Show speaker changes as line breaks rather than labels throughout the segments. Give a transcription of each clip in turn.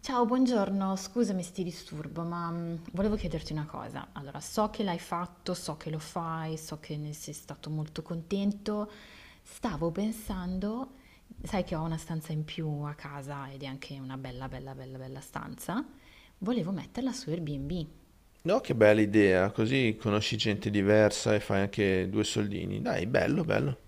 Ciao, buongiorno, scusami se ti disturbo, ma volevo chiederti una cosa. Allora, so che l'hai fatto, so che lo fai, so che ne sei stato molto contento. Stavo pensando, sai che ho una stanza in più a casa ed è anche una bella, bella, bella, bella stanza. Volevo metterla su Airbnb.
No, che bella idea, così conosci gente diversa e fai anche due soldini. Dai, bello, bello.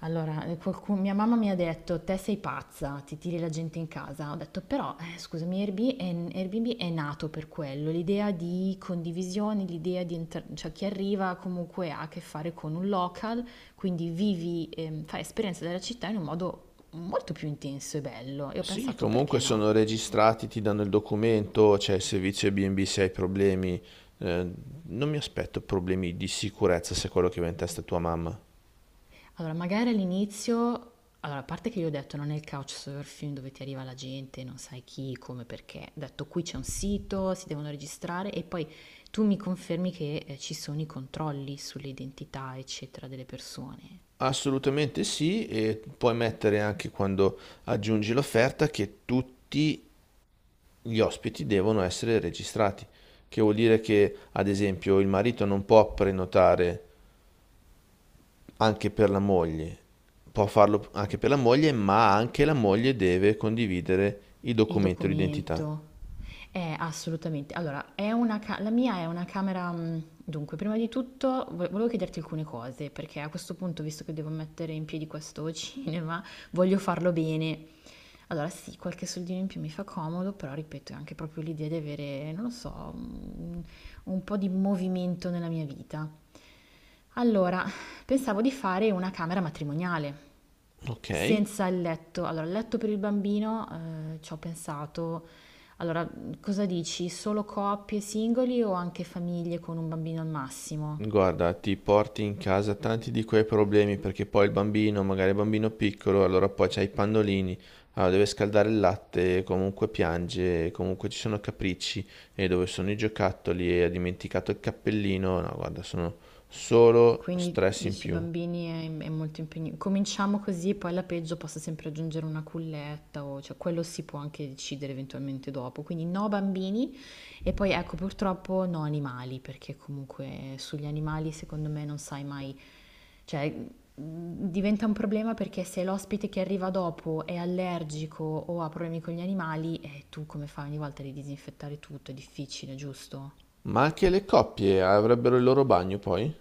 Allora, mia mamma mi ha detto: Te sei pazza, ti tiri la gente in casa. Ho detto, però, scusami, Airbnb è nato per quello, l'idea di condivisione, cioè chi arriva comunque ha a che fare con un local, quindi vivi, fai esperienza della città in un modo molto più intenso e bello. E ho
Sì,
pensato,
comunque
perché no?
sono registrati, ti danno il documento, c'è il servizio B&B se hai problemi. Eh, non mi aspetto problemi di sicurezza se è quello che va in testa a tua mamma.
Allora, magari all'inizio, allora, a parte che io ho detto non è il couchsurfing dove ti arriva la gente, non sai chi, come, perché. Ho detto qui c'è un sito, si devono registrare e poi tu mi confermi che ci sono i controlli sull'identità, eccetera, delle persone.
Assolutamente sì, e puoi mettere anche quando aggiungi l'offerta che tutti gli ospiti devono essere registrati, che vuol dire che, ad esempio, il marito non può prenotare anche per la moglie. Può farlo anche per la moglie, ma anche la moglie deve condividere il
Il
documento d'identità.
documento. Assolutamente. Allora, la mia è una camera... dunque, prima di tutto volevo chiederti alcune cose, perché a questo punto, visto che devo mettere in piedi questo cinema, voglio farlo bene. Allora, sì, qualche soldino in più mi fa comodo, però ripeto, è anche proprio l'idea di avere, non lo so, un po' di movimento nella mia vita. Allora, pensavo di fare una camera matrimoniale
Ok.
senza il letto. Allora, il letto per il bambino, ci ho pensato. Allora, cosa dici? Solo coppie, singoli o anche famiglie con un bambino al massimo?
Guarda, ti porti in casa tanti di quei problemi perché poi il bambino, magari il bambino piccolo, allora poi c'hai i pannolini, allora deve scaldare il latte, comunque piange, comunque ci sono capricci e dove sono i giocattoli e ha dimenticato il cappellino. No, guarda, sono solo
Quindi
stress in
dici
più.
è molto impegnativo. Cominciamo così e poi alla peggio posso sempre aggiungere una culletta o cioè quello si può anche decidere eventualmente dopo. Quindi no bambini e poi ecco purtroppo no animali perché comunque sugli animali secondo me non sai mai, cioè diventa un problema perché se l'ospite che arriva dopo è allergico o ha problemi con gli animali, tu come fai ogni volta di disinfettare tutto? È difficile, giusto?
Ma anche le coppie avrebbero il loro bagno poi?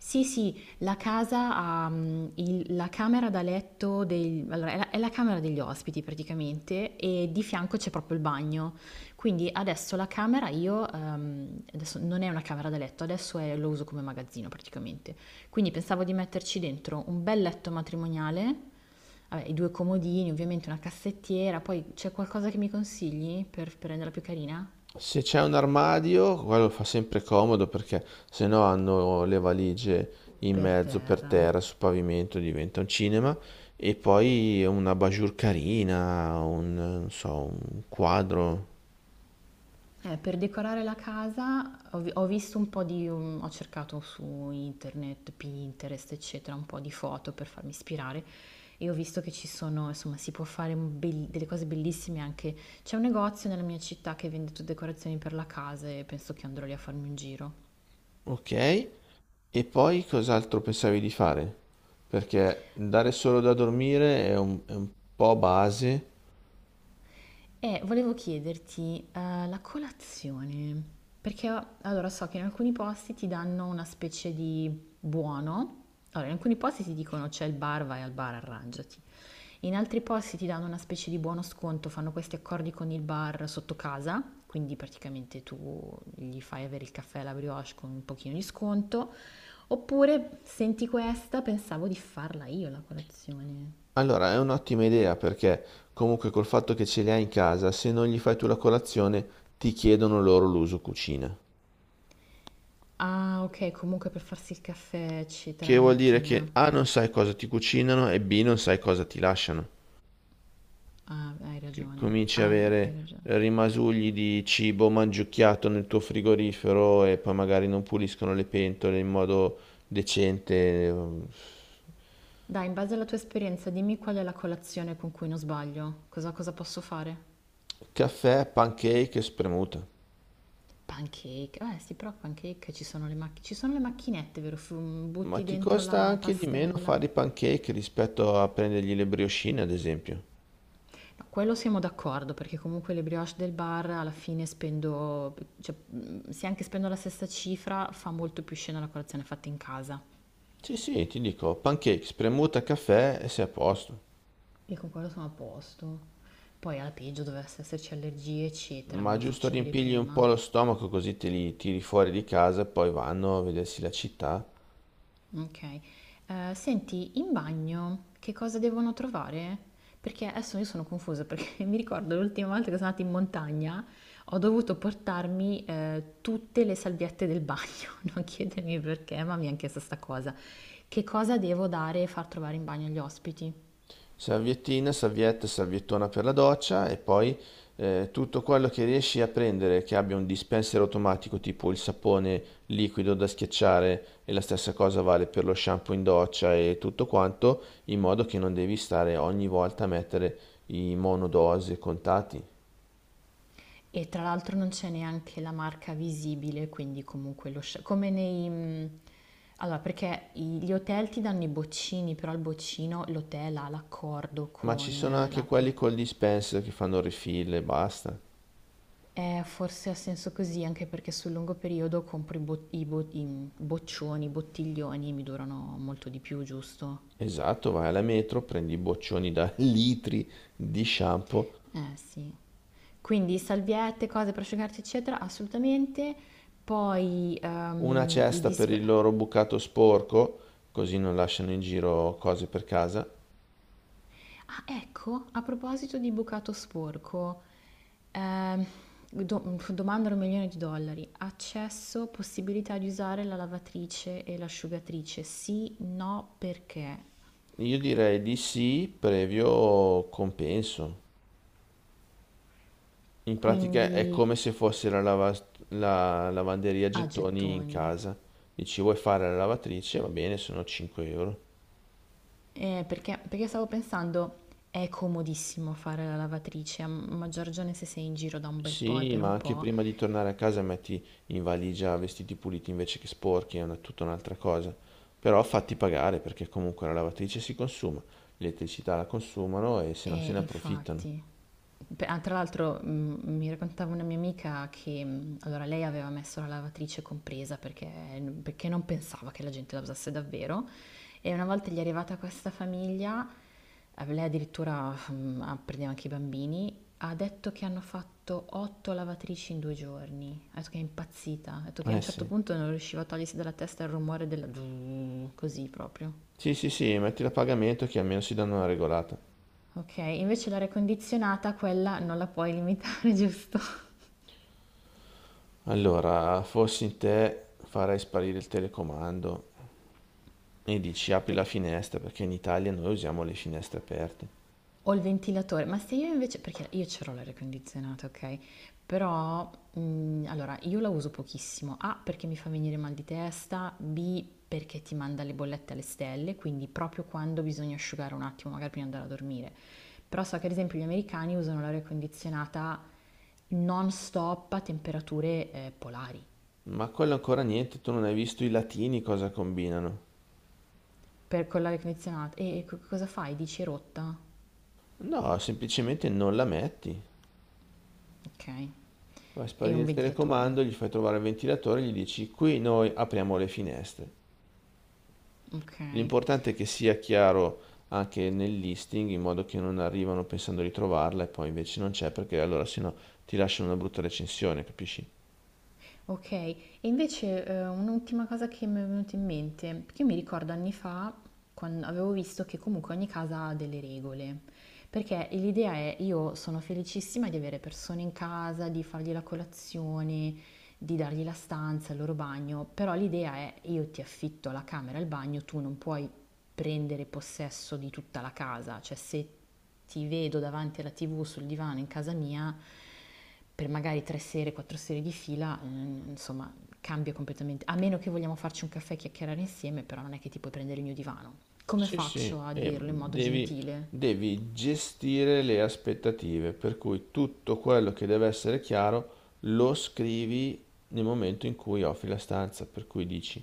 Sì, sì, la casa ha la camera da letto, allora, è la camera degli ospiti praticamente e di fianco c'è proprio il bagno. Quindi adesso la camera io, adesso non è una camera da letto, lo uso come magazzino praticamente. Quindi pensavo di metterci dentro un bel letto matrimoniale, vabbè, i due comodini, ovviamente una cassettiera, poi c'è qualcosa che mi consigli per renderla più carina?
Se c'è un armadio, quello fa sempre comodo perché se no hanno le valigie in
Per
mezzo per
terra.
terra, sul pavimento, diventa un cinema. E poi una bajour carina, un, non so, un quadro.
Per decorare la casa ho visto un po' di, ho cercato su internet, Pinterest, eccetera, un po' di foto per farmi ispirare e ho visto che ci sono, insomma, si può fare un bel- delle cose bellissime anche. C'è un negozio nella mia città che vende tutte decorazioni per la casa e penso che andrò lì a farmi un giro.
Ok. E poi cos'altro pensavi di fare? Perché dare solo da dormire è un po' base.
E volevo chiederti, la colazione, perché allora so che in alcuni posti ti danno una specie di buono, allora in alcuni posti ti dicono c'è il bar, vai al bar, arrangiati, in altri posti ti danno una specie di buono sconto, fanno questi accordi con il bar sotto casa, quindi praticamente tu gli fai avere il caffè e la brioche con un pochino di sconto, oppure senti questa, pensavo di farla io la colazione.
Allora, è un'ottima idea perché comunque col fatto che ce li hai in casa, se non gli fai tu la colazione, ti chiedono loro l'uso cucina.
Ah, ok, comunque per farsi il caffè, eccetera,
Che
la
vuol dire che
mattina.
A non sai cosa ti cucinano e B non sai cosa ti lasciano.
Ah, hai
Che
ragione.
cominci a
Ah, hai
avere
ragione.
rimasugli di cibo mangiucchiato nel tuo frigorifero e poi magari non puliscono le pentole in modo decente.
Dai, in base alla tua esperienza, dimmi qual è la colazione con cui non sbaglio. Cosa, cosa posso fare?
Caffè, pancake e spremuta.
Pancake. Eh sì, però pancake ci sono le macchinette. Ci sono le macchinette, vero?
Ma
Butti
ti
dentro
costa
la
anche di meno
pastella.
fare i pancake rispetto a prendergli le briochine, ad esempio.
No, quello siamo d'accordo, perché comunque le brioche del bar alla fine spendo, cioè, se anche spendo la stessa cifra, fa molto più scena la colazione fatta in casa.
Sì, sì, ti dico, pancake, spremuta, caffè e sei a posto.
E con quello sono a posto. Poi alla peggio dovesse esserci allergie, eccetera, me
Ma
lo
giusto
faccio dire
riempirgli un
prima.
po' lo stomaco così te li tiri fuori di casa e poi vanno a vedersi la città.
Ok. Senti, in bagno che cosa devono trovare? Perché adesso io sono confusa perché mi ricordo l'ultima volta che sono andata in montagna ho dovuto portarmi tutte le salviette del bagno, non chiedermi perché, ma mi è anche stessa cosa. Che cosa devo dare e far trovare in bagno agli ospiti?
Salviettina, salvietta, salviettona per la doccia e poi tutto quello che riesci a prendere che abbia un dispenser automatico tipo il sapone liquido da schiacciare e la stessa cosa vale per lo shampoo in doccia e tutto quanto, in modo che non devi stare ogni volta a mettere i monodose contati.
E tra l'altro non c'è neanche la marca visibile, quindi comunque come nei allora, gli hotel ti danno i boccini, però il boccino l'hotel ha l'accordo
Ma ci sono
con
anche
la
quelli col dispenser che fanno refill e basta.
forse ha senso così, anche perché sul lungo periodo compro i boccioni, i bottiglioni, mi durano molto di più, giusto?
Esatto, vai alla metro, prendi i boccioni da litri di shampoo,
Eh sì. Quindi salviette, cose per asciugarsi, eccetera, assolutamente. Poi
una cesta per il loro bucato sporco, così non lasciano in giro cose per casa.
ah, ecco, a proposito di bucato sporco, ehm, domandano un milione di dollari. Accesso, possibilità di usare la lavatrice e l'asciugatrice? Sì, no, perché?
Io direi di sì, previo compenso. In pratica è
Quindi
come se fosse la, la lavanderia a
a
gettoni in
gettoni.
casa. Dici, vuoi fare la lavatrice? Va bene, sono 5 euro.
Perché, perché stavo pensando, è comodissimo fare la lavatrice, a maggior ragione se sei in giro da un bel po' e
Sì,
per
ma
un
anche
po'.
prima di tornare a casa metti in valigia vestiti puliti invece che sporchi, è una, tutta un'altra cosa. Però fatti pagare perché comunque la lavatrice si consuma, l'elettricità la consumano e se no se
E
ne approfittano.
infatti. Beh, ah, tra l'altro mi raccontava una mia amica che allora lei aveva messo la lavatrice compresa perché, perché non pensava che la gente la usasse davvero e una volta gli è arrivata questa famiglia, lei addirittura prendeva anche i bambini, ha detto che hanno fatto 8 lavatrici in 2 giorni, ha detto che è impazzita, ha detto che a
Eh
un certo
sì.
punto non riusciva a togliersi dalla testa il rumore della... così proprio.
Sì, sì, sì, mettila a pagamento che almeno si danno una regolata.
Ok, invece l'aria condizionata quella non la puoi limitare, giusto?
Allora, fossi in te, farei sparire il telecomando e dici apri la
Perché
finestra perché in Italia noi usiamo le finestre aperte.
ho il ventilatore, ma se io invece, perché io c'ho l'aria condizionata, ok? Però, allora, io la uso pochissimo. A, perché mi fa venire mal di testa, B, perché ti manda le bollette alle stelle, quindi proprio quando bisogna asciugare un attimo, magari prima di andare a dormire. Però so che ad esempio gli americani usano l'aria condizionata non stop a temperature polari.
Ma quello ancora niente, tu non hai visto i latini cosa combinano.
Per con l'aria condizionata. E cosa fai? Dici è rotta?
No, semplicemente non la metti.
Ok.
Fai
E
sparire
un
il
ventilatore.
telecomando, gli fai trovare il ventilatore, gli dici qui noi apriamo le finestre.
Ok.
L'importante è che sia chiaro anche nel listing, in modo che non arrivano pensando di trovarla e poi invece non c'è, perché allora sennò ti lasciano una brutta recensione, capisci?
Ok, e invece un'ultima cosa che mi è venuta in mente, perché io mi ricordo anni fa quando avevo visto che comunque ogni casa ha delle regole, perché l'idea è io sono felicissima di avere persone in casa, di fargli la colazione, di dargli la stanza, il loro bagno, però l'idea è io ti affitto la camera e il bagno, tu non puoi prendere possesso di tutta la casa, cioè se ti vedo davanti alla TV sul divano in casa mia per magari 3 sere, 4 sere di fila, insomma, cambia completamente. A meno che vogliamo farci un caffè e chiacchierare insieme, però non è che ti puoi prendere il mio divano. Come
Sì, sì,
faccio a
e
dirlo in modo gentile?
devi gestire le aspettative, per cui tutto quello che deve essere chiaro lo scrivi nel momento in cui offri la stanza, per cui dici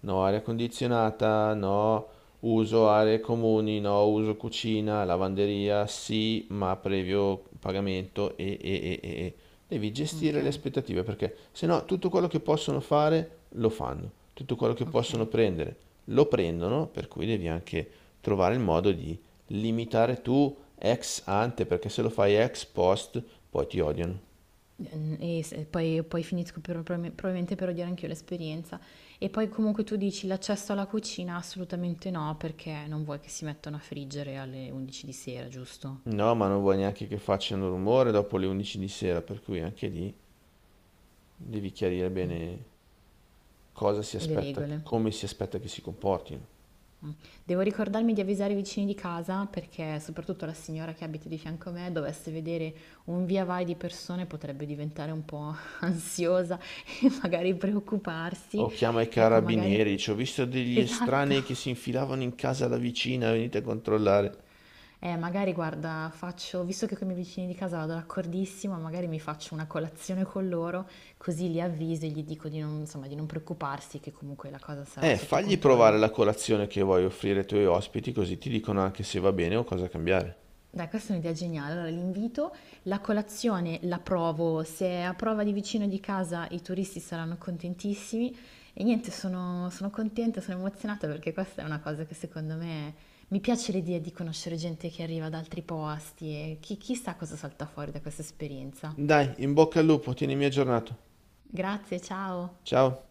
no aria condizionata, no. Uso aree comuni, no. Uso cucina, lavanderia, sì, ma previo pagamento e. Devi
Ok,
gestire le aspettative perché se no tutto quello che possono fare lo fanno, tutto quello che possono
ok.
prendere lo prendono, per cui devi anche trovare il modo di limitare tu ex ante perché se lo fai ex post poi ti odiano.
Poi finisco probabilmente per odiare anch'io l'esperienza. E poi comunque tu dici l'accesso alla cucina? Assolutamente no, perché non vuoi che si mettano a friggere alle 11 di sera, giusto?
No, ma non vuoi neanche che facciano rumore dopo le 11 di sera, per cui anche lì devi chiarire bene cosa si
Le
aspetta,
regole.
come si aspetta che si comportino.
Devo ricordarmi di avvisare i vicini di casa perché soprattutto la signora che abita di fianco a me dovesse vedere un via vai di persone potrebbe diventare un po' ansiosa e magari preoccuparsi.
O chiama i
Ecco, magari...
carabinieri, dice, ho visto degli estranei che
Esatto.
si infilavano in casa da vicina, venite a controllare.
Magari guarda, faccio, visto che con i miei vicini di casa vado d'accordissimo, magari mi faccio una colazione con loro, così li avviso e gli dico di non, insomma, di non preoccuparsi, che comunque la cosa sarà sotto
Fagli provare
controllo.
la colazione che vuoi offrire ai tuoi ospiti, così ti dicono anche se va bene o cosa cambiare.
Dai, questa è un'idea geniale. Allora, l'invito, la colazione la provo, se è a prova di vicino di casa i turisti saranno contentissimi e niente, sono contenta, sono emozionata perché questa è una cosa che secondo me mi piace l'idea di conoscere gente che arriva da altri posti e chi, chissà cosa salta fuori da questa esperienza.
Dai, in bocca al lupo, tienimi aggiornato.
Grazie, ciao.
Ciao.